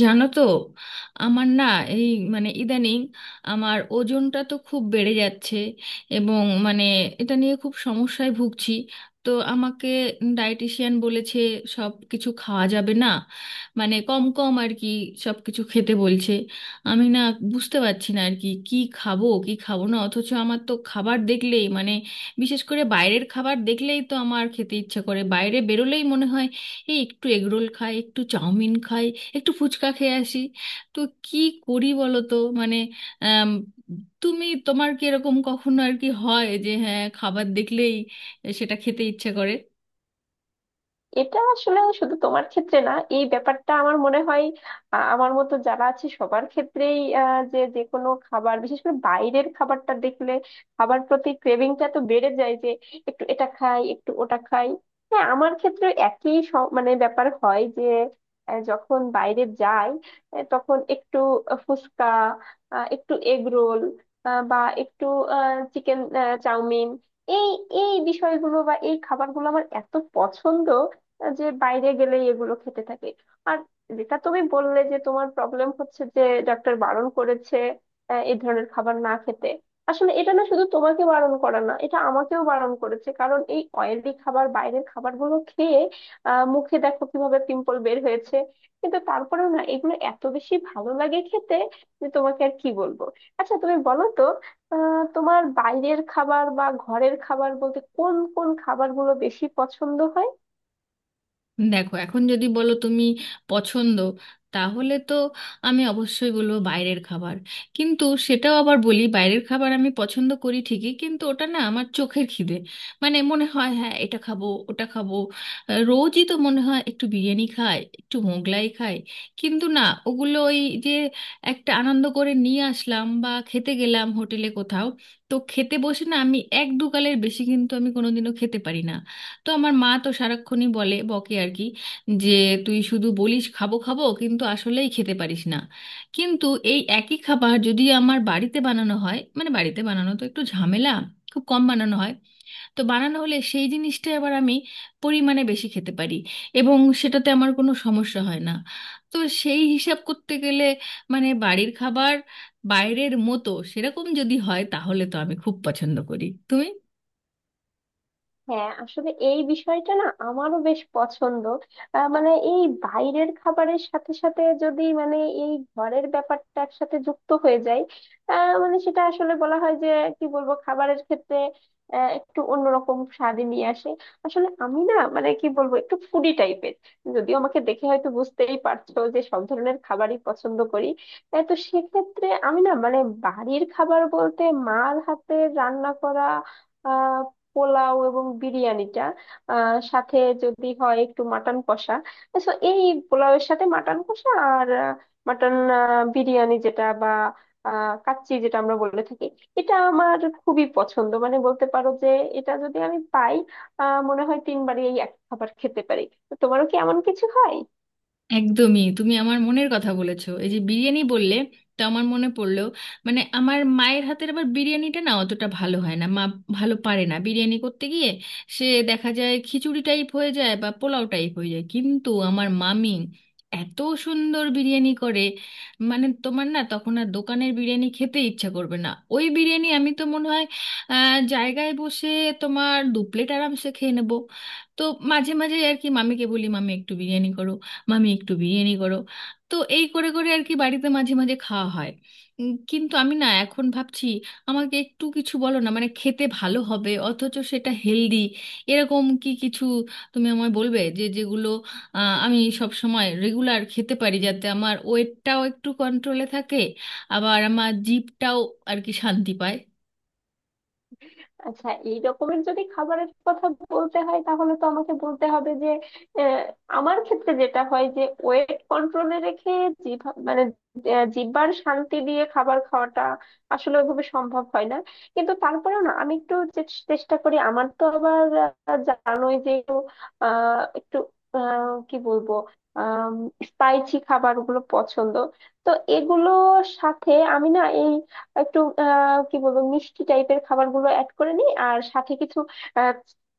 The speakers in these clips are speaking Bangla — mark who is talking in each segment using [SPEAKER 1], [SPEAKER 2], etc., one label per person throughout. [SPEAKER 1] জানো তো, আমার না এই মানে ইদানিং আমার ওজনটা তো খুব বেড়ে যাচ্ছে। এবং মানে এটা নিয়ে খুব সমস্যায় ভুগছি। তো আমাকে ডায়েটিশিয়ান বলেছে সব কিছু খাওয়া যাবে না, মানে কম কম আর কি সব কিছু খেতে বলছে। আমি না বুঝতে পারছি না আর কি কি খাবো কি খাবো না, অথচ আমার তো খাবার দেখলেই মানে বিশেষ করে বাইরের খাবার দেখলেই তো আমার খেতে ইচ্ছা করে। বাইরে বেরোলেই মনে হয় এই একটু এগরোল খাই, একটু চাউমিন খাই, একটু ফুচকা খেয়ে আসি। তো কি করি বলো তো? মানে আম, তুমি তোমার কি এরকম কখনো আর কি হয় যে হ্যাঁ খাবার দেখলেই সেটা খেতে ইচ্ছে করে?
[SPEAKER 2] এটা আসলে শুধু তোমার ক্ষেত্রে না, এই ব্যাপারটা আমার মনে হয় আমার মতো যারা আছে সবার ক্ষেত্রেই যে যে কোনো খাবার, বিশেষ করে বাইরের খাবারটা দেখলে খাবার প্রতি ক্রেভিংটা তো বেড়ে যায় যে একটু এটা খাই একটু ওটা খাই। হ্যাঁ, আমার ক্ষেত্রে একই মানে ব্যাপার হয় যে যখন বাইরে যাই তখন একটু ফুচকা, একটু এগ রোল বা একটু চিকেন চাউমিন, এই এই বিষয়গুলো বা এই খাবারগুলো আমার এত পছন্দ যে বাইরে গেলেই এগুলো খেতে থাকে। আর যেটা তুমি বললে যে তোমার প্রবলেম হচ্ছে যে ডাক্তার বারণ করেছে এই ধরনের খাবার না খেতে, আসলে এটা না শুধু তোমাকে বারণ করা, না এটা আমাকেও বারণ করেছে, কারণ এই অয়েলি খাবার বাইরের খাবারগুলো খেয়ে মুখে দেখো কিভাবে পিম্পল বের হয়েছে। কিন্তু তারপরেও না, এগুলো এত বেশি ভালো লাগে খেতে যে তোমাকে আর কি বলবো। আচ্ছা তুমি বলো তো, তোমার বাইরের খাবার বা ঘরের খাবার বলতে কোন কোন খাবারগুলো বেশি পছন্দ হয়?
[SPEAKER 1] দেখো এখন যদি বলো তুমি পছন্দ, তাহলে তো আমি অবশ্যই বলবো বাইরের খাবার। কিন্তু সেটাও আবার বলি, বাইরের খাবার আমি পছন্দ করি ঠিকই, কিন্তু ওটা না আমার চোখের খিদে। মানে মনে হয় হ্যাঁ এটা খাবো ওটা খাবো। রোজই তো মনে হয় একটু বিরিয়ানি খাই একটু মোগলাই খাই। কিন্তু না, ওগুলো ওই যে একটা আনন্দ করে নিয়ে আসলাম বা খেতে গেলাম হোটেলে কোথাও, তো খেতে বসে না আমি এক দু গালের বেশি কিন্তু আমি কোনোদিনও খেতে পারি না। তো আমার মা তো সারাক্ষণই বলে, বকে আর কি, যে তুই শুধু বলিস খাবো খাবো কিন্তু আসলেই খেতে পারিস না। কিন্তু এই একই খাবার যদি আমার বাড়িতে বানানো হয়, মানে বাড়িতে বানানো তো একটু ঝামেলা, খুব কম বানানো হয়। তো বানানো হলে সেই জিনিসটা এবার আমি পরিমাণে বেশি খেতে পারি এবং সেটাতে আমার কোনো সমস্যা হয় না। তো সেই হিসাব করতে গেলে মানে বাড়ির খাবার বাইরের মতো সেরকম যদি হয় তাহলে তো আমি খুব পছন্দ করি। তুমি
[SPEAKER 2] হ্যাঁ, আসলে এই বিষয়টা না আমারও বেশ পছন্দ। মানে এই বাইরের খাবারের সাথে সাথে যদি মানে এই ঘরের ব্যাপারটা একসাথে যুক্ত হয়ে যায়, মানে সেটা আসলে বলা হয় যে, কি বলবো, খাবারের ক্ষেত্রে একটু অন্যরকম স্বাদই নিয়ে আসে। আসলে আমি না মানে কি বলবো একটু ফুডি টাইপের, যদিও আমাকে দেখে হয়তো বুঝতেই পারছো যে সব ধরনের খাবারই পছন্দ করি। তো সেক্ষেত্রে আমি না মানে বাড়ির খাবার বলতে মার হাতে রান্না করা পোলাও এবং বিরিয়ানিটা, সাথে যদি হয় একটু মাটন কষা, তো এই পোলাওয়ের সাথে মাটন কষা, আর মাটন বিরিয়ানি যেটা বা কাচ্চি যেটা আমরা বলে থাকি, এটা আমার খুবই পছন্দ। মানে বলতে পারো যে এটা যদি আমি পাই, মনে হয় তিনবারই এই এক খাবার খেতে পারি। তো তোমারও কি এমন কিছু হয়?
[SPEAKER 1] একদমই তুমি আমার মনের কথা বলেছো, এই যে বিরিয়ানি বললে তা আমার মনে পড়লো। মানে আমার মায়ের হাতের আবার বিরিয়ানিটা না অতটা ভালো হয় না, মা ভালো পারে না বিরিয়ানি করতে গিয়ে, সে দেখা যায় খিচুড়ি টাইপ হয়ে যায় বা পোলাও টাইপ হয়ে যায়। কিন্তু আমার মামি এত সুন্দর বিরিয়ানি করে, মানে তোমার না তখন আর দোকানের বিরিয়ানি খেতে ইচ্ছা করবে না। ওই বিরিয়ানি আমি তো মনে হয় জায়গায় বসে তোমার দু প্লেট আরামসে খেয়ে নেবো। তো মাঝে মাঝে আর কি মামিকে বলি, মামি একটু বিরিয়ানি করো, মামি একটু বিরিয়ানি করো। তো এই করে করে আর কি বাড়িতে মাঝে মাঝে খাওয়া হয়। কিন্তু আমি না এখন ভাবছি আমাকে একটু কিছু বলো না মানে খেতে ভালো হবে অথচ সেটা হেলদি, এরকম কি কিছু তুমি আমায় বলবে যে যেগুলো আমি সব সময় রেগুলার খেতে পারি যাতে আমার ওয়েটটাও একটু কন্ট্রোলে থাকে, আবার আমার জিভটাও আর কি শান্তি পায়।
[SPEAKER 2] আচ্ছা এই রকমের যদি খাবারের কথা বলতে হয়, তাহলে তো আমাকে বলতে হবে যে আহ, আমার ক্ষেত্রে যেটা হয় যে ওয়েট কন্ট্রোলে রেখে জিভ মানে জিহ্বার শান্তি দিয়ে খাবার খাওয়াটা আসলে ওইভাবে সম্ভব হয় না। কিন্তু তারপরেও না, আমি একটু চেষ্টা করি। আমার তো আবার জানোই যে একটু একটু কি বলবো স্পাইসি খাবার গুলো পছন্দ, তো এগুলোর সাথে আমি না এই একটু কি বলবো মিষ্টি টাইপের খাবারগুলো অ্যাড করে নিই, আর সাথে কিছু আহ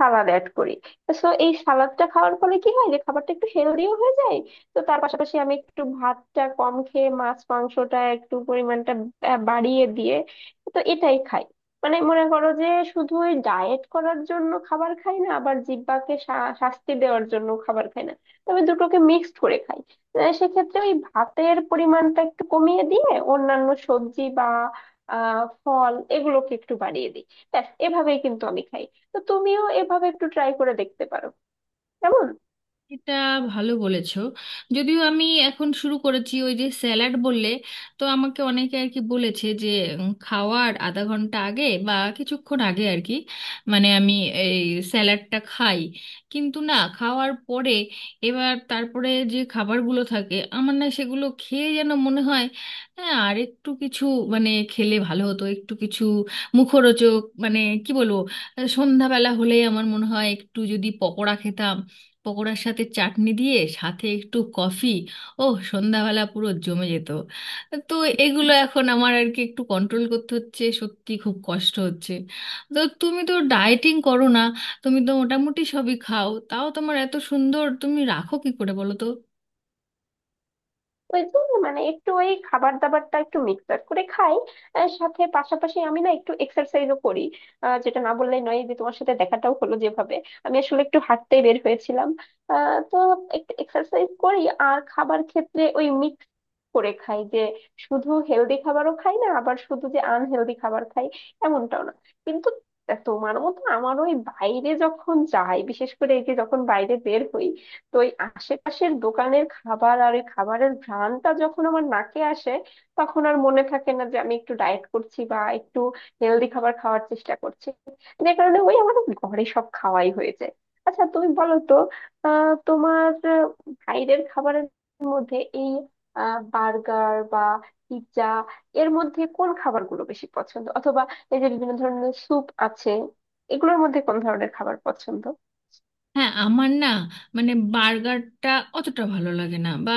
[SPEAKER 2] সালাদ অ্যাড করি। তো এই সালাদটা খাওয়ার ফলে কি হয় যে খাবারটা একটু হেলদিও হয়ে যায়। তো তার পাশাপাশি আমি একটু ভাতটা কম খেয়ে মাছ মাংসটা একটু পরিমাণটা বাড়িয়ে দিয়ে, তো এটাই খাই। মানে মনে করো যে শুধু ওই ডায়েট করার জন্য খাবার খাই না, আবার জিহ্বাকে শাস্তি দেওয়ার জন্য খাবার খাই না, তবে দুটোকে মিক্সড করে খাই। সেক্ষেত্রে ওই ভাতের পরিমাণটা একটু কমিয়ে দিয়ে অন্যান্য সবজি বা আহ ফল এগুলোকে একটু বাড়িয়ে দিই। ব্যাস, এভাবেই কিন্তু আমি খাই। তো তুমিও এভাবে একটু ট্রাই করে দেখতে পারো, কেমন?
[SPEAKER 1] এটা ভালো বলেছো। যদিও আমি এখন শুরু করেছি, ওই যে স্যালাড বললে, তো আমাকে অনেকে আর কি বলেছে যে খাওয়ার আধা ঘন্টা আগে বা কিছুক্ষণ আগে আর কি মানে আমি এই স্যালাডটা খাই। কিন্তু না, খাওয়ার পরে এবার তারপরে যে খাবারগুলো থাকে আমার না সেগুলো খেয়ে যেন মনে হয় হ্যাঁ আর একটু কিছু, মানে খেলে ভালো হতো একটু কিছু মুখরোচক, মানে কি বলবো, সন্ধ্যাবেলা হলে আমার মনে হয় একটু যদি পকোড়া খেতাম, পকোড়ার সাথে চাটনি দিয়ে সাথে একটু কফি, ও সন্ধ্যাবেলা পুরো জমে যেত। তো এগুলো এখন আমার আর কি একটু কন্ট্রোল করতে হচ্ছে, সত্যি খুব কষ্ট হচ্ছে। তো তুমি তো ডায়েটিং করো না, তুমি তো মোটামুটি সবই খাও, তাও তোমার এত সুন্দর তুমি রাখো কি করে বলো তো?
[SPEAKER 2] ওই তো, মানে একটু ওই খাবার দাবারটা একটু মিক্স আপ করে খাই। সাথে পাশাপাশি আমি না একটু এক্সারসাইজও করি। যেটা না বললেই নয়, এই যে তোমার সাথে দেখাটাও হলো যেভাবে, আমি আসলে একটু হাঁটতে বের হয়েছিলাম। তো একটু এক্সারসাইজ করি, আর খাবার ক্ষেত্রে ওই মিক্স করে খাই যে শুধু হেলদি খাবারও খাই না, আবার শুধু যে আনহেলদি খাবার খাই এমনটাও না। কিন্তু তোমার মতো আমারও ওই বাইরে যখন যাই, বিশেষ করে এই যে যখন বাইরে বের হই, তো এই আশেপাশের দোকানের খাবার আর ওই খাবারের ঘ্রাণটা যখন আমার নাকে আসে, তখন আর মনে থাকে না যে আমি একটু ডায়েট করছি বা একটু হেলদি খাবার খাওয়ার চেষ্টা করছি। যে কারণে ওই আমাদের ঘরে সব খাওয়াই হয়ে যায়। আচ্ছা তুমি বলো তো, তোমার বাইরের খাবারের মধ্যে এই বার্গার বা পিৎজা, এর মধ্যে কোন খাবারগুলো বেশি পছন্দ, অথবা এই যে বিভিন্ন ধরনের স্যুপ আছে, এগুলোর মধ্যে কোন ধরনের খাবার পছন্দ?
[SPEAKER 1] হ্যাঁ আমার না মানে বার্গারটা অতটা ভালো লাগে না, বা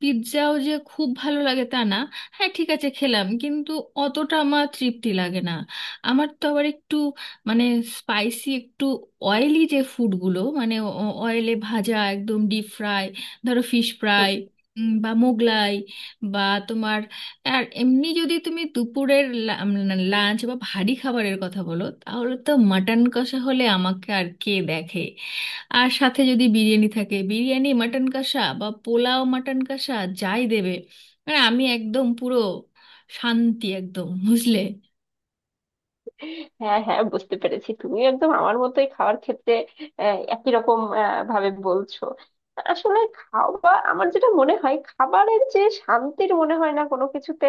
[SPEAKER 1] পিৎজাও যে খুব ভালো লাগে তা না। হ্যাঁ ঠিক আছে খেলাম, কিন্তু অতটা আমার তৃপ্তি লাগে না। আমার তো আবার একটু মানে স্পাইসি একটু অয়েলি যে ফুডগুলো, মানে অয়েলে ভাজা একদম ডিপ ফ্রাই, ধরো ফিশ ফ্রাই বা মোগলাই বা তোমার, আর এমনি যদি তুমি দুপুরের লাঞ্চ বা ভারী খাবারের কথা বলো তাহলে তো মাটন কষা হলে আমাকে আর কে দেখে। আর সাথে যদি বিরিয়ানি থাকে, বিরিয়ানি মাটন কষা বা পোলাও মাটন কষা, যাই দেবে মানে আমি একদম পুরো শান্তি, একদম, বুঝলে।
[SPEAKER 2] হ্যাঁ হ্যাঁ, বুঝতে পেরেছি। তুমি একদম আমার মতোই খাওয়ার ক্ষেত্রে একই রকম ভাবে বলছো। আসলে খাওয়া আমার যেটা মনে হয়, খাবারের যে শান্তির মনে হয় না কোনো কিছুতে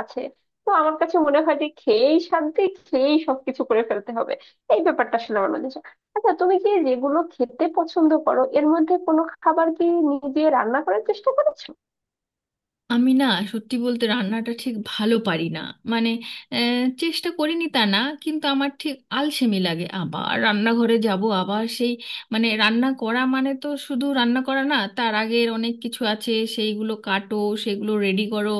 [SPEAKER 2] আছে। তো আমার কাছে মনে হয় যে খেয়েই শান্তি, খেয়েই সবকিছু করে ফেলতে হবে, এই ব্যাপারটা আসলে আমার মধ্যে আছে। আচ্ছা তুমি কি যেগুলো খেতে পছন্দ করো এর মধ্যে কোনো খাবার কি নিজে রান্না করার চেষ্টা করেছো?
[SPEAKER 1] আমি না সত্যি বলতে রান্নাটা ঠিক ভালো পারি না। মানে চেষ্টা করিনি তা না, কিন্তু আমার ঠিক আলসেমি লাগে আবার রান্নাঘরে যাব আবার সেই, মানে রান্না করা মানে তো শুধু রান্না করা না, তার আগের অনেক কিছু আছে, সেইগুলো কাটো, সেগুলো রেডি করো।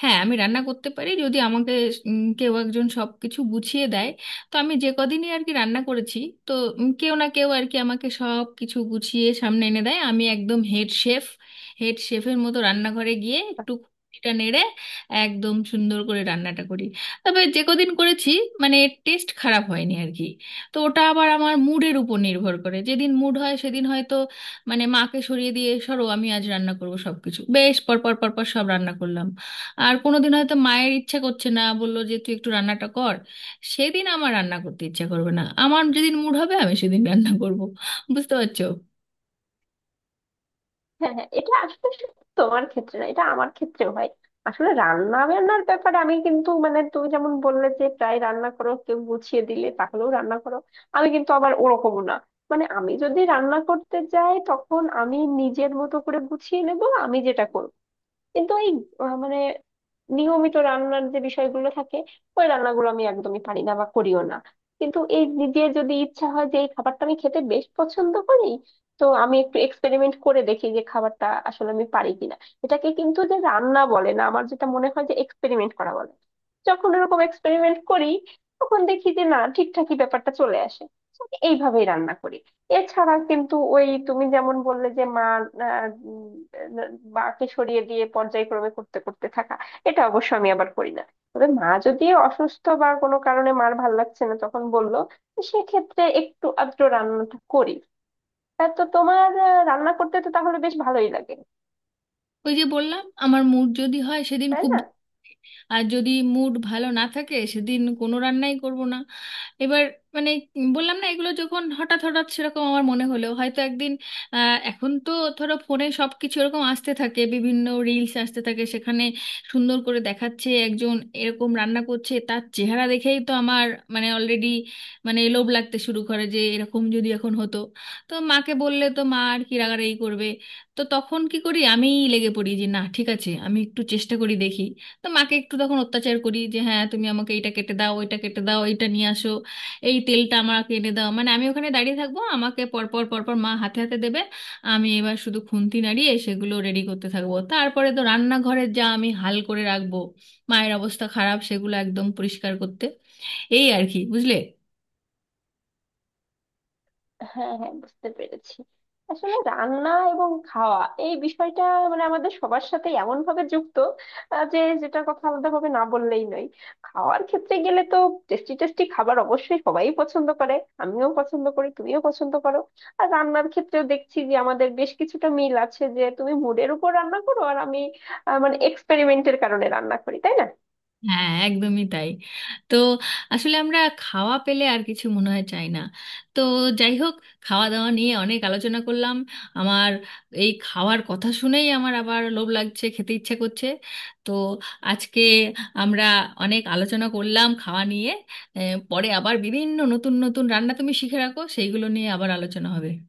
[SPEAKER 1] হ্যাঁ আমি রান্না করতে পারি যদি আমাকে কেউ একজন সব কিছু গুছিয়ে দেয়। তো আমি যে কদিনই আর কি রান্না করেছি, তো কেউ না কেউ আর কি আমাকে সব কিছু গুছিয়ে সামনে এনে দেয়, আমি একদম হেড শেফ, হেড শেফের মতো রান্নাঘরে গিয়ে একটু খুঁটিটা নেড়ে একদম সুন্দর করে রান্নাটা করি। তবে যে কদিন করেছি মানে টেস্ট খারাপ হয়নি আর কি। তো ওটা আবার আমার মুডের উপর নির্ভর করে, যেদিন মুড হয় সেদিন হয়তো, মানে মাকে সরিয়ে দিয়ে সরো আমি আজ রান্না করব, সব কিছু বেশ পর পর পর পর সব রান্না করলাম। আর কোনোদিন হয়তো মায়ের ইচ্ছা করছে না, বললো যে তুই একটু রান্নাটা কর, সেদিন আমার রান্না করতে ইচ্ছা করবে না। আমার যেদিন মুড হবে আমি সেদিন রান্না করব, বুঝতে পারছো?
[SPEAKER 2] হ্যাঁ হ্যাঁ, এটা আসলে শুধু তোমার ক্ষেত্রে না, এটা আমার ক্ষেত্রেও হয়। আসলে রান্না বান্নার ব্যাপারে আমি কিন্তু, মানে তুমি যেমন বললে যে প্রায় রান্না করো, কেউ গুছিয়ে দিলে তাহলেও রান্না করো, আমি কিন্তু আবার ওরকমও না। মানে আমি যদি রান্না করতে যাই তখন আমি নিজের মতো করে গুছিয়ে নেব, আমি যেটা করব। কিন্তু এই মানে নিয়মিত রান্নার যে বিষয়গুলো থাকে, ওই রান্নাগুলো আমি একদমই পারি না বা করিও না। কিন্তু এই নিজের যদি ইচ্ছা হয় যে এই খাবারটা আমি খেতে বেশ পছন্দ করি, তো আমি একটু এক্সপেরিমেন্ট করে দেখি যে খাবারটা আসলে আমি পারি কিনা। এটাকে কিন্তু যে রান্না বলে না, আমার যেটা মনে হয় যে এক্সপেরিমেন্ট করা বলে। যখন এরকম এক্সপেরিমেন্ট করি, তখন দেখি যে না, ঠিকঠাকই ব্যাপারটা চলে আসে। তো আমি এইভাবেই রান্না করি। এছাড়া কিন্তু ওই তুমি যেমন বললে যে মা আহ, উম, আহ, মাকে সরিয়ে দিয়ে পর্যায়ক্রমে করতে করতে থাকা, এটা অবশ্য আমি আবার করি না। তবে মা যদি অসুস্থ বা কোনো কারণে মার ভাল লাগছে না তখন বললো, সেক্ষেত্রে একটু আধটু রান্নাটা করি। তা তো তোমার রান্না করতে তো তাহলে বেশ ভালোই লাগে,
[SPEAKER 1] ওই যে বললাম আমার মুড যদি হয় সেদিন
[SPEAKER 2] তাই
[SPEAKER 1] খুব,
[SPEAKER 2] না?
[SPEAKER 1] আর যদি মুড ভালো না থাকে সেদিন কোনো রান্নাই করব না। এবার মানে বললাম না এগুলো যখন হঠাৎ হঠাৎ সেরকম আমার মনে হলো হয়তো একদিন, এখন তো ধরো ফোনে সব কিছু এরকম আসতে থাকে, বিভিন্ন রিলস আসতে থাকে, সেখানে সুন্দর করে দেখাচ্ছে একজন এরকম রান্না করছে, তার চেহারা দেখেই তো আমার মানে অলরেডি মানে লোভ লাগতে শুরু করে যে এরকম যদি এখন হতো। তো মাকে বললে তো মা আর কি রাগারাগি করবে, তো তখন কি করি, আমিই লেগে পড়ি যে না ঠিক আছে আমি একটু চেষ্টা করি দেখি। তো মাকে একটু তখন অত্যাচার করি যে হ্যাঁ তুমি আমাকে এটা কেটে দাও, ওইটা কেটে দাও, এটা নিয়ে আসো, এই তেলটা আমাকে এনে দাও, মানে আমি ওখানে দাঁড়িয়ে থাকবো, আমাকে পরপর পরপর মা হাতে হাতে দেবে, আমি এবার শুধু খুন্তি নাড়িয়ে সেগুলো রেডি করতে থাকবো। তারপরে তো রান্নাঘরের যা আমি হাল করে রাখবো, মায়ের অবস্থা খারাপ সেগুলো একদম পরিষ্কার করতে, এই আর কি, বুঝলে।
[SPEAKER 2] হ্যাঁ হ্যাঁ, বুঝতে পেরেছি। আসলে রান্না এবং খাওয়া এই বিষয়টা, মানে আমাদের সবার সাথে এমন ভাবে যুক্ত যে যেটা কথা আলাদা ভাবে না বললেই নয়। খাওয়ার ক্ষেত্রে গেলে তো টেস্টি টেস্টি খাবার অবশ্যই সবাই পছন্দ করে, আমিও পছন্দ করি, তুমিও পছন্দ করো। আর রান্নার ক্ষেত্রেও দেখছি যে আমাদের বেশ কিছুটা মিল আছে, যে তুমি মুডের উপর রান্না করো আর আমি মানে এক্সপেরিমেন্টের কারণে রান্না করি, তাই না?
[SPEAKER 1] হ্যাঁ একদমই তাই। তো আসলে আমরা খাওয়া পেলে আর কিছু মনে হয় চাই না। তো যাই হোক, খাওয়া দাওয়া নিয়ে অনেক আলোচনা করলাম, আমার এই খাওয়ার কথা শুনেই আমার আবার লোভ লাগছে, খেতে ইচ্ছে করছে। তো আজকে আমরা অনেক আলোচনা করলাম খাওয়া নিয়ে। এ, পরে আবার বিভিন্ন নতুন নতুন রান্না তুমি শিখে রাখো, সেইগুলো নিয়ে আবার আলোচনা হবে।